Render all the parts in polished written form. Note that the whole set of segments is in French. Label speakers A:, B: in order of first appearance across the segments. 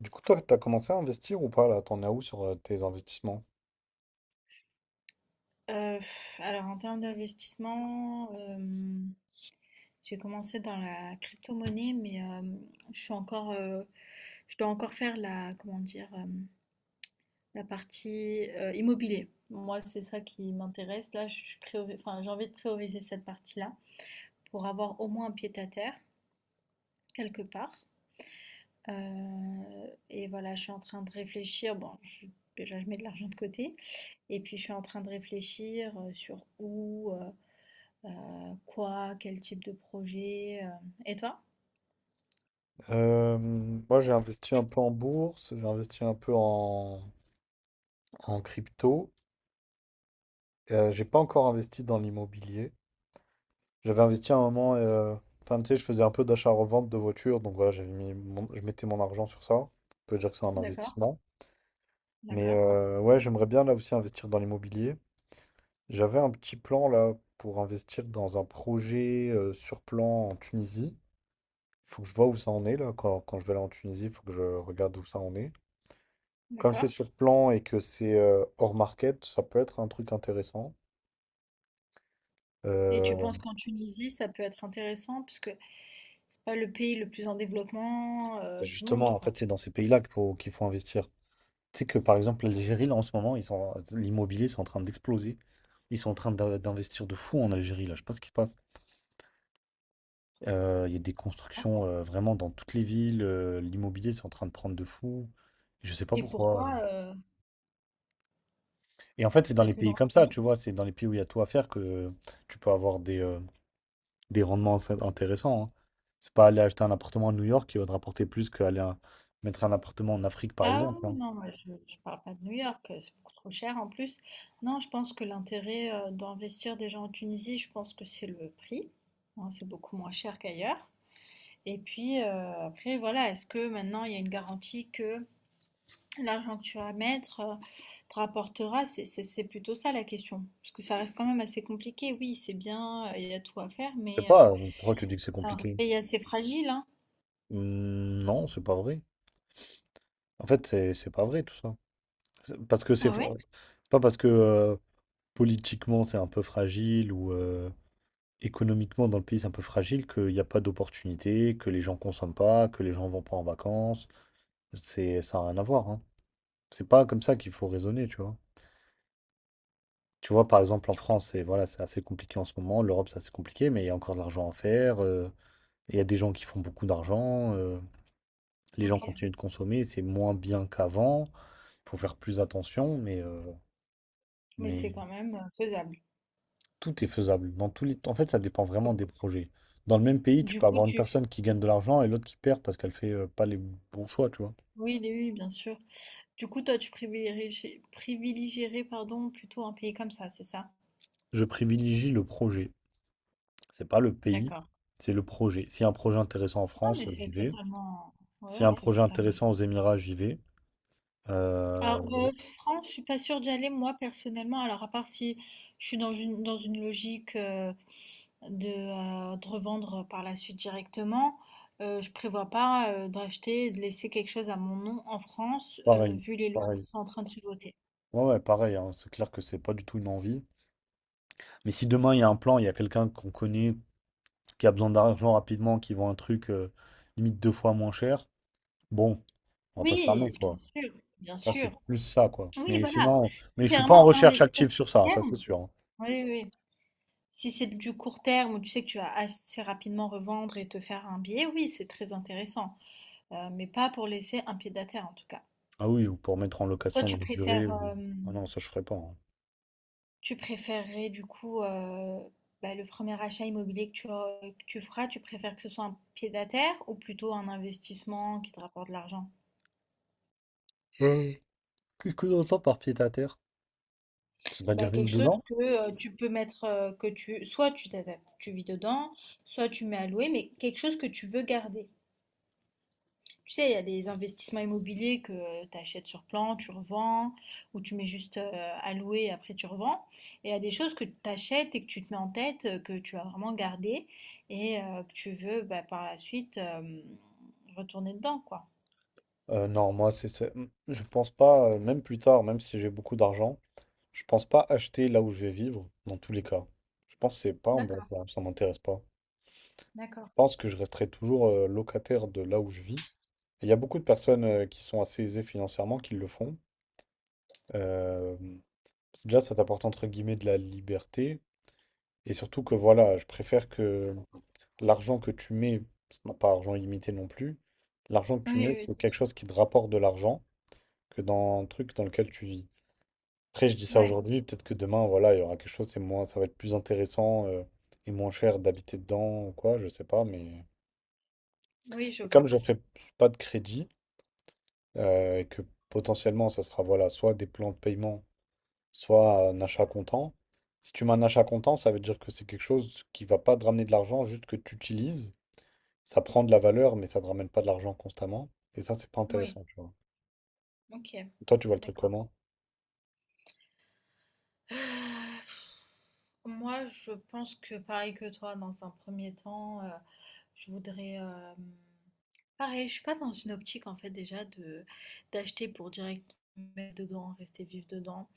A: Du coup, toi, t'as commencé à investir ou pas là? T'en as où sur tes investissements?
B: Heu, alors en termes d'investissement, j'ai commencé dans la crypto-monnaie, mais, je suis encore, je dois encore faire la comment dire? La partie, immobilier. Moi, c'est ça qui m'intéresse. Là, j'ai envie de prioriser cette partie-là pour avoir au moins un pied-à-terre quelque part. Et voilà, je suis en train de réfléchir. Bon, je déjà je mets de l'argent de côté et puis je suis en train de réfléchir, sur où, quoi? Quel type de projet? Et toi?
A: Moi, j'ai investi un peu en bourse, j'ai investi un peu en crypto. J'ai pas encore investi dans l'immobilier. J'avais investi à un moment, enfin, tu sais, je faisais un peu d'achat-revente de voitures, donc voilà, je mettais mon argent sur ça. On peut dire que c'est un
B: D'accord,
A: investissement. Mais
B: d'accord,
A: ouais, j'aimerais bien là aussi investir dans l'immobilier. J'avais un petit plan là pour investir dans un projet sur plan en Tunisie. Faut que je vois où ça en est là quand je vais aller en Tunisie, il faut que je regarde où ça en est. Comme
B: d'accord,
A: c'est sur plan et que c'est hors market, ça peut être un truc intéressant.
B: et tu
A: Euh,
B: penses qu'en Tunisie, ça peut être intéressant? Parce que c'est pas le pays le plus en développement, du monde,
A: Justement, en
B: quoi,
A: fait, c'est dans ces pays-là qu'il faut investir. Tu sais que par exemple, l'Algérie, là en ce moment, l'immobilier, c'est en train d'exploser. Ils sont en train d'investir de fou en Algérie, là. Je sais pas ce qui se passe. Il y a des
B: hein.
A: constructions vraiment dans toutes les villes. L'immobilier, c'est en train de prendre de fou. Je sais pas
B: Et
A: pourquoi.
B: pourquoi,
A: Et en fait, c'est dans
B: tu as
A: les
B: pu te
A: pays comme ça,
B: renseigner?
A: tu vois, c'est dans les pays où il y a tout à faire que tu peux avoir des rendements assez intéressants. Hein. C'est pas aller acheter un appartement à New York qui va te rapporter plus mettre un appartement en Afrique, par
B: Ah oui,
A: exemple.
B: oui,
A: Hein.
B: non, moi je parle pas de New York, c'est beaucoup trop cher en plus. Non, je pense que l'intérêt, d'investir déjà en Tunisie, je pense que c'est le prix, hein, c'est beaucoup moins cher qu'ailleurs, et puis, après voilà, est-ce que maintenant il y a une garantie que l'argent que tu vas mettre te rapportera, c'est plutôt ça la question. Parce que ça reste quand même assez compliqué. Oui, c'est bien, il y a tout à faire,
A: Je sais
B: mais
A: pas, pourquoi tu dis que c'est
B: c'est un
A: compliqué?
B: pays assez fragile, hein.
A: Non, c'est pas vrai. En fait, c'est pas vrai tout ça. Parce que c'est
B: Ah
A: fa-
B: ouais?
A: C'est pas parce que politiquement c'est un peu fragile ou économiquement dans le pays c'est un peu fragile qu'il n'y a pas d'opportunités, que les gens consomment pas, que les gens vont pas en vacances. C'est Ça n'a rien à voir. Hein. C'est pas comme ça qu'il faut raisonner, tu vois. Tu vois, par exemple, en France, c'est voilà, c'est assez compliqué en ce moment. L'Europe, c'est assez compliqué, mais il y a encore de l'argent à faire. Il y a des gens qui font beaucoup d'argent. Les gens
B: Ok.
A: continuent de consommer. C'est moins bien qu'avant. Il faut faire plus attention, mais, euh,
B: Mais c'est
A: mais
B: quand même faisable.
A: tout est faisable. En fait, ça dépend vraiment des projets. Dans le même pays, tu
B: Du
A: peux
B: coup,
A: avoir une
B: tu...
A: personne qui gagne de l'argent et l'autre qui perd parce qu'elle fait pas les bons choix, tu vois.
B: Oui, oui, oui, bien sûr. Du coup, toi, tu privilégierais, plutôt un pays comme ça, c'est ça?
A: Je privilégie le projet. C'est pas le pays,
B: D'accord.
A: c'est le projet. Si un projet intéressant en
B: Non,
A: France,
B: mais c'est
A: j'y vais.
B: totalement...
A: S'il y a
B: Ouais,
A: un
B: c'est
A: projet
B: totalement...
A: intéressant aux Émirats, j'y vais. Euh,
B: Alors, France, je suis pas sûre d'y aller moi personnellement. Alors, à part si je suis dans une logique de, de revendre par la suite directement, je prévois pas d'acheter, et de laisser quelque chose à mon nom en France,
A: Pareil,
B: vu les lois
A: pareil.
B: qui sont en train de se voter.
A: Ouais, ouais, pareil, hein. C'est clair que c'est pas du tout une envie. Mais si demain il y a un plan, il y a quelqu'un qu'on connaît qui a besoin d'argent rapidement, qui vend un truc limite deux fois moins cher, bon, on va pas se fermer,
B: Oui, bien
A: quoi.
B: sûr, bien
A: Ça, c'est
B: sûr.
A: plus ça, quoi.
B: Oui,
A: Mais
B: voilà.
A: sinon,
B: C'est
A: mais je suis pas en
B: vraiment
A: recherche
B: investir à
A: active sur ça, ça c'est
B: terme.
A: sûr. Hein.
B: Oui, oui. Si c'est du court terme où tu sais que tu vas assez rapidement revendre et te faire un billet, oui, c'est très intéressant. Mais pas pour laisser un pied à terre en tout cas.
A: Ah oui, ou pour mettre en
B: Toi,
A: location
B: tu
A: longue durée.
B: préfères,
A: Ah non, ça je ferai pas. Hein.
B: tu préférerais du coup bah, le premier achat immobilier que tu feras, tu préfères que ce soit un pied-à-terre ou plutôt un investissement qui te rapporte de l'argent?
A: Et qu'est-ce que l'on entend par pied à terre? Ça veut
B: Bah,
A: dire vivre
B: quelque chose
A: dedans?
B: que tu peux mettre, que tu, soit tu t'adaptes, tu vis dedans, soit tu mets à louer, mais quelque chose que tu veux garder. Tu sais, il y a des investissements immobiliers que tu achètes sur plan, tu revends, ou tu mets juste à louer et après tu revends. Et il y a des choses que tu achètes et que tu te mets en tête, que tu vas vraiment garder et que tu veux bah, par la suite retourner dedans, quoi.
A: Non, moi, je pense pas, même plus tard, même si j'ai beaucoup d'argent, je pense pas acheter là où je vais vivre, dans tous les cas. Je pense que c'est pas un bon
B: D'accord,
A: plan, ça m'intéresse pas.
B: d'accord.
A: Je pense que je resterai toujours locataire de là où je vis. Et il y a beaucoup de personnes qui sont assez aisées financièrement qui le font. Euh, Déjà, ça t'apporte entre guillemets de la liberté. Et surtout que voilà, je préfère que l'argent que tu mets, parce qu'on n'a pas argent illimité non plus, l'argent que tu
B: Oui,
A: mets,
B: oui,
A: c'est
B: c'est
A: quelque
B: sûr.
A: chose qui te rapporte de l'argent que dans un truc dans lequel tu vis. Après, je dis ça
B: Ouais,
A: aujourd'hui, peut-être que demain, voilà, il y aura quelque chose, c'est moins, ça va être plus intéressant et moins cher d'habiter dedans ou quoi, je sais pas, mais.
B: oui, je
A: Et comme
B: vois.
A: je ferai pas de crédit, et que potentiellement, ça sera voilà, soit des plans de paiement soit un achat comptant. Si tu mets un achat comptant, ça veut dire que c'est quelque chose qui va pas te ramener de l'argent, juste que tu utilises. Ça prend de la valeur, mais ça te ramène pas de l'argent constamment. Et ça, c'est pas
B: Oui,
A: intéressant, tu vois.
B: ok,
A: Toi, tu vois le truc
B: d'accord.
A: comment?
B: Moi, je pense que pareil que toi, dans un premier temps, je voudrais, pareil, je suis pas dans une optique en fait déjà de d'acheter pour direct mettre dedans, rester vivre dedans.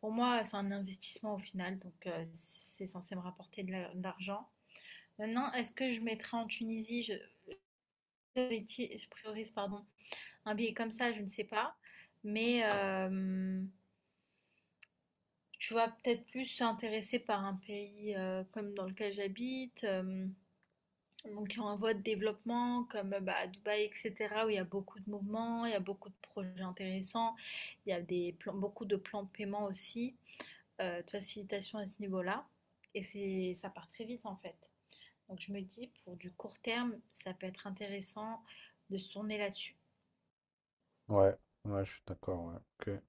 B: Pour moi, c'est un investissement au final, donc si, c'est censé me rapporter de la de l'argent. Maintenant, est-ce que je mettrais en Tunisie? Je prioriti je priorise, pardon, un billet comme ça, je ne sais pas. Mais hem, tu vas peut-être plus s'intéresser par un pays, comme dans lequel j'habite, hem donc, en voie de développement, comme bah, à Dubaï, etc., où il y a beaucoup de mouvements, il y a beaucoup de projets intéressants, il y a beaucoup de plans de paiement aussi, de facilitation à ce niveau-là. Et c'est, ça part très vite en fait. Donc, je me dis, pour du court terme, ça peut être intéressant de se tourner là-dessus.
A: Ouais, ouais, je suis d'accord, ouais.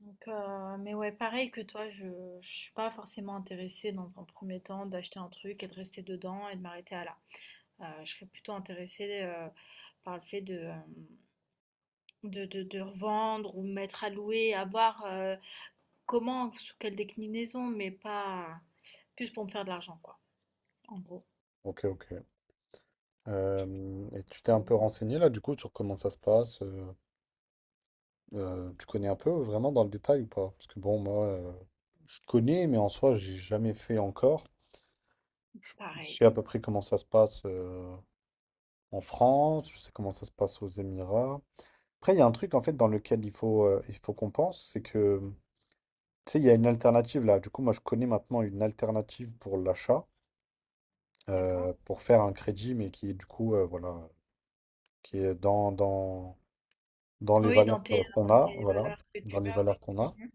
B: Donc, mais ouais, pareil que toi, je ne suis pas forcément intéressée dans un premier temps d'acheter un truc et de rester dedans et de m'arrêter à là. Je serais plutôt intéressée par le fait de. De revendre ou mettre à louer, à voir, comment, sous quelle déclinaison, mais pas plus pour me faire de l'argent quoi, en gros.
A: Ok, ok, ok. Et tu t'es un peu
B: Mmh,
A: renseigné là, du coup, sur comment ça se passe? Tu connais un peu vraiment dans le détail ou pas? Parce que bon, moi, je connais, mais en soi, j'ai jamais fait encore. Je je
B: pareil.
A: sais à peu près comment ça se passe en France, je sais comment ça se passe aux Émirats. Après, il y a un truc en fait dans lequel il faut qu'on pense, c'est que tu sais, il y a une alternative là. Du coup, moi je connais maintenant une alternative pour l'achat,
B: D'accord.
A: pour faire un crédit, mais qui est du coup, voilà, qui est dans les
B: Oui,
A: valeurs qu'on
B: dans
A: a,
B: tes
A: voilà,
B: valeurs que
A: dans
B: tu
A: les
B: as, oui.
A: valeurs qu'on a.
B: Mmh.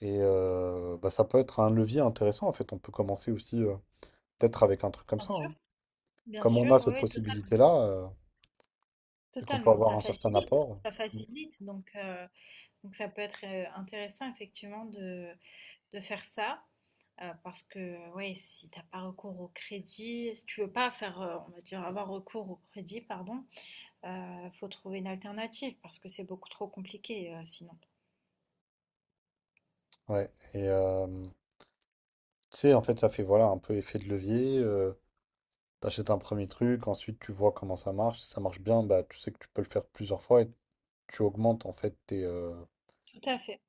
A: Et bah, ça peut être un levier intéressant en fait. On peut commencer aussi peut-être avec un truc comme
B: Bien
A: ça.
B: sûr,
A: Hein.
B: bien
A: Comme on
B: sûr,
A: a
B: oui,
A: cette
B: oui,
A: possibilité-là et qu'on peut
B: totalement.
A: avoir un certain apport.
B: Ça
A: Mm.
B: facilite donc ça peut être, intéressant effectivement de faire ça, parce que ouais, si t'as pas recours au crédit, si tu veux pas faire, on va dire avoir recours au crédit, pardon, faut trouver une alternative parce que c'est beaucoup trop compliqué, sinon.
A: Ouais, et tu sais, en fait, ça fait voilà un peu effet de levier. T'achètes un premier truc, ensuite tu vois comment ça marche. Si ça marche bien, bah tu sais que tu peux le faire plusieurs fois et tu augmentes en fait tes.
B: Tout à fait.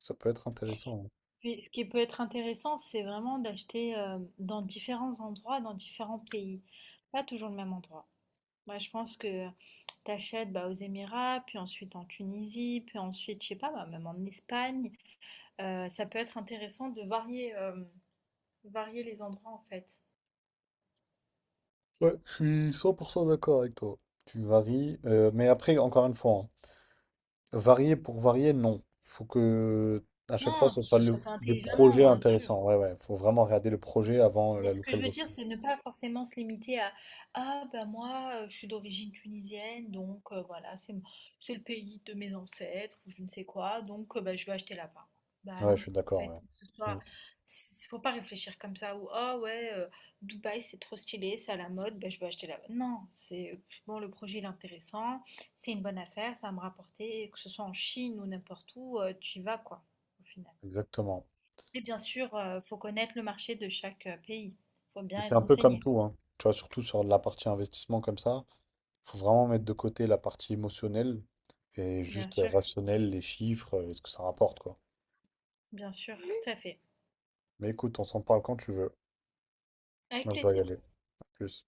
A: Ça peut être intéressant.
B: Puis ce qui peut être intéressant, c'est vraiment d'acheter, dans différents endroits, dans différents pays, pas toujours le même endroit. Moi, je pense que tu achètes, bah, aux Émirats, puis ensuite en Tunisie, puis ensuite, je sais pas, bah, même en Espagne. Ça peut être intéressant de varier, varier les endroits, en fait.
A: Hein. Ouais, je suis 100% d'accord avec toi. Tu varies, mais après, encore une fois, hein, varier pour varier, non. Il faut que à chaque fois,
B: Non,
A: ce
B: il faut que
A: soit
B: ce soit fait
A: des
B: intelligemment,
A: projets
B: bien sûr.
A: intéressants. Ouais, ouais, faut vraiment regarder le projet avant
B: Mais
A: la
B: ce que je veux
A: localisation.
B: dire, c'est ne pas forcément se limiter à ah ben moi je suis d'origine tunisienne donc voilà c'est le pays de mes ancêtres ou je ne sais quoi donc bah, je vais acheter là-bas. Bah
A: Ouais,
B: non
A: je suis
B: en
A: d'accord.
B: fait que ce
A: Ouais. Mm.
B: soit faut pas réfléchir comme ça ou ah ouais Dubaï c'est trop stylé c'est à la mode bah, je vais acheter là-bas. Non c'est bon le projet il est intéressant c'est une bonne affaire ça va me rapporter que ce soit en Chine ou n'importe où tu y vas quoi au final.
A: Exactement.
B: Et bien sûr, faut connaître le marché de chaque, pays. Faut
A: Et
B: bien
A: c'est
B: être
A: un peu comme
B: renseigné.
A: tout, hein. Tu vois, surtout sur la partie investissement comme ça, faut vraiment mettre de côté la partie émotionnelle et
B: Bien
A: juste
B: sûr,
A: rationnelle, les chiffres, et ce que ça rapporte, quoi.
B: bien sûr, tout à fait.
A: Mais écoute, on s'en parle quand tu veux.
B: Avec
A: Moi, je dois y
B: plaisir.
A: aller. À plus.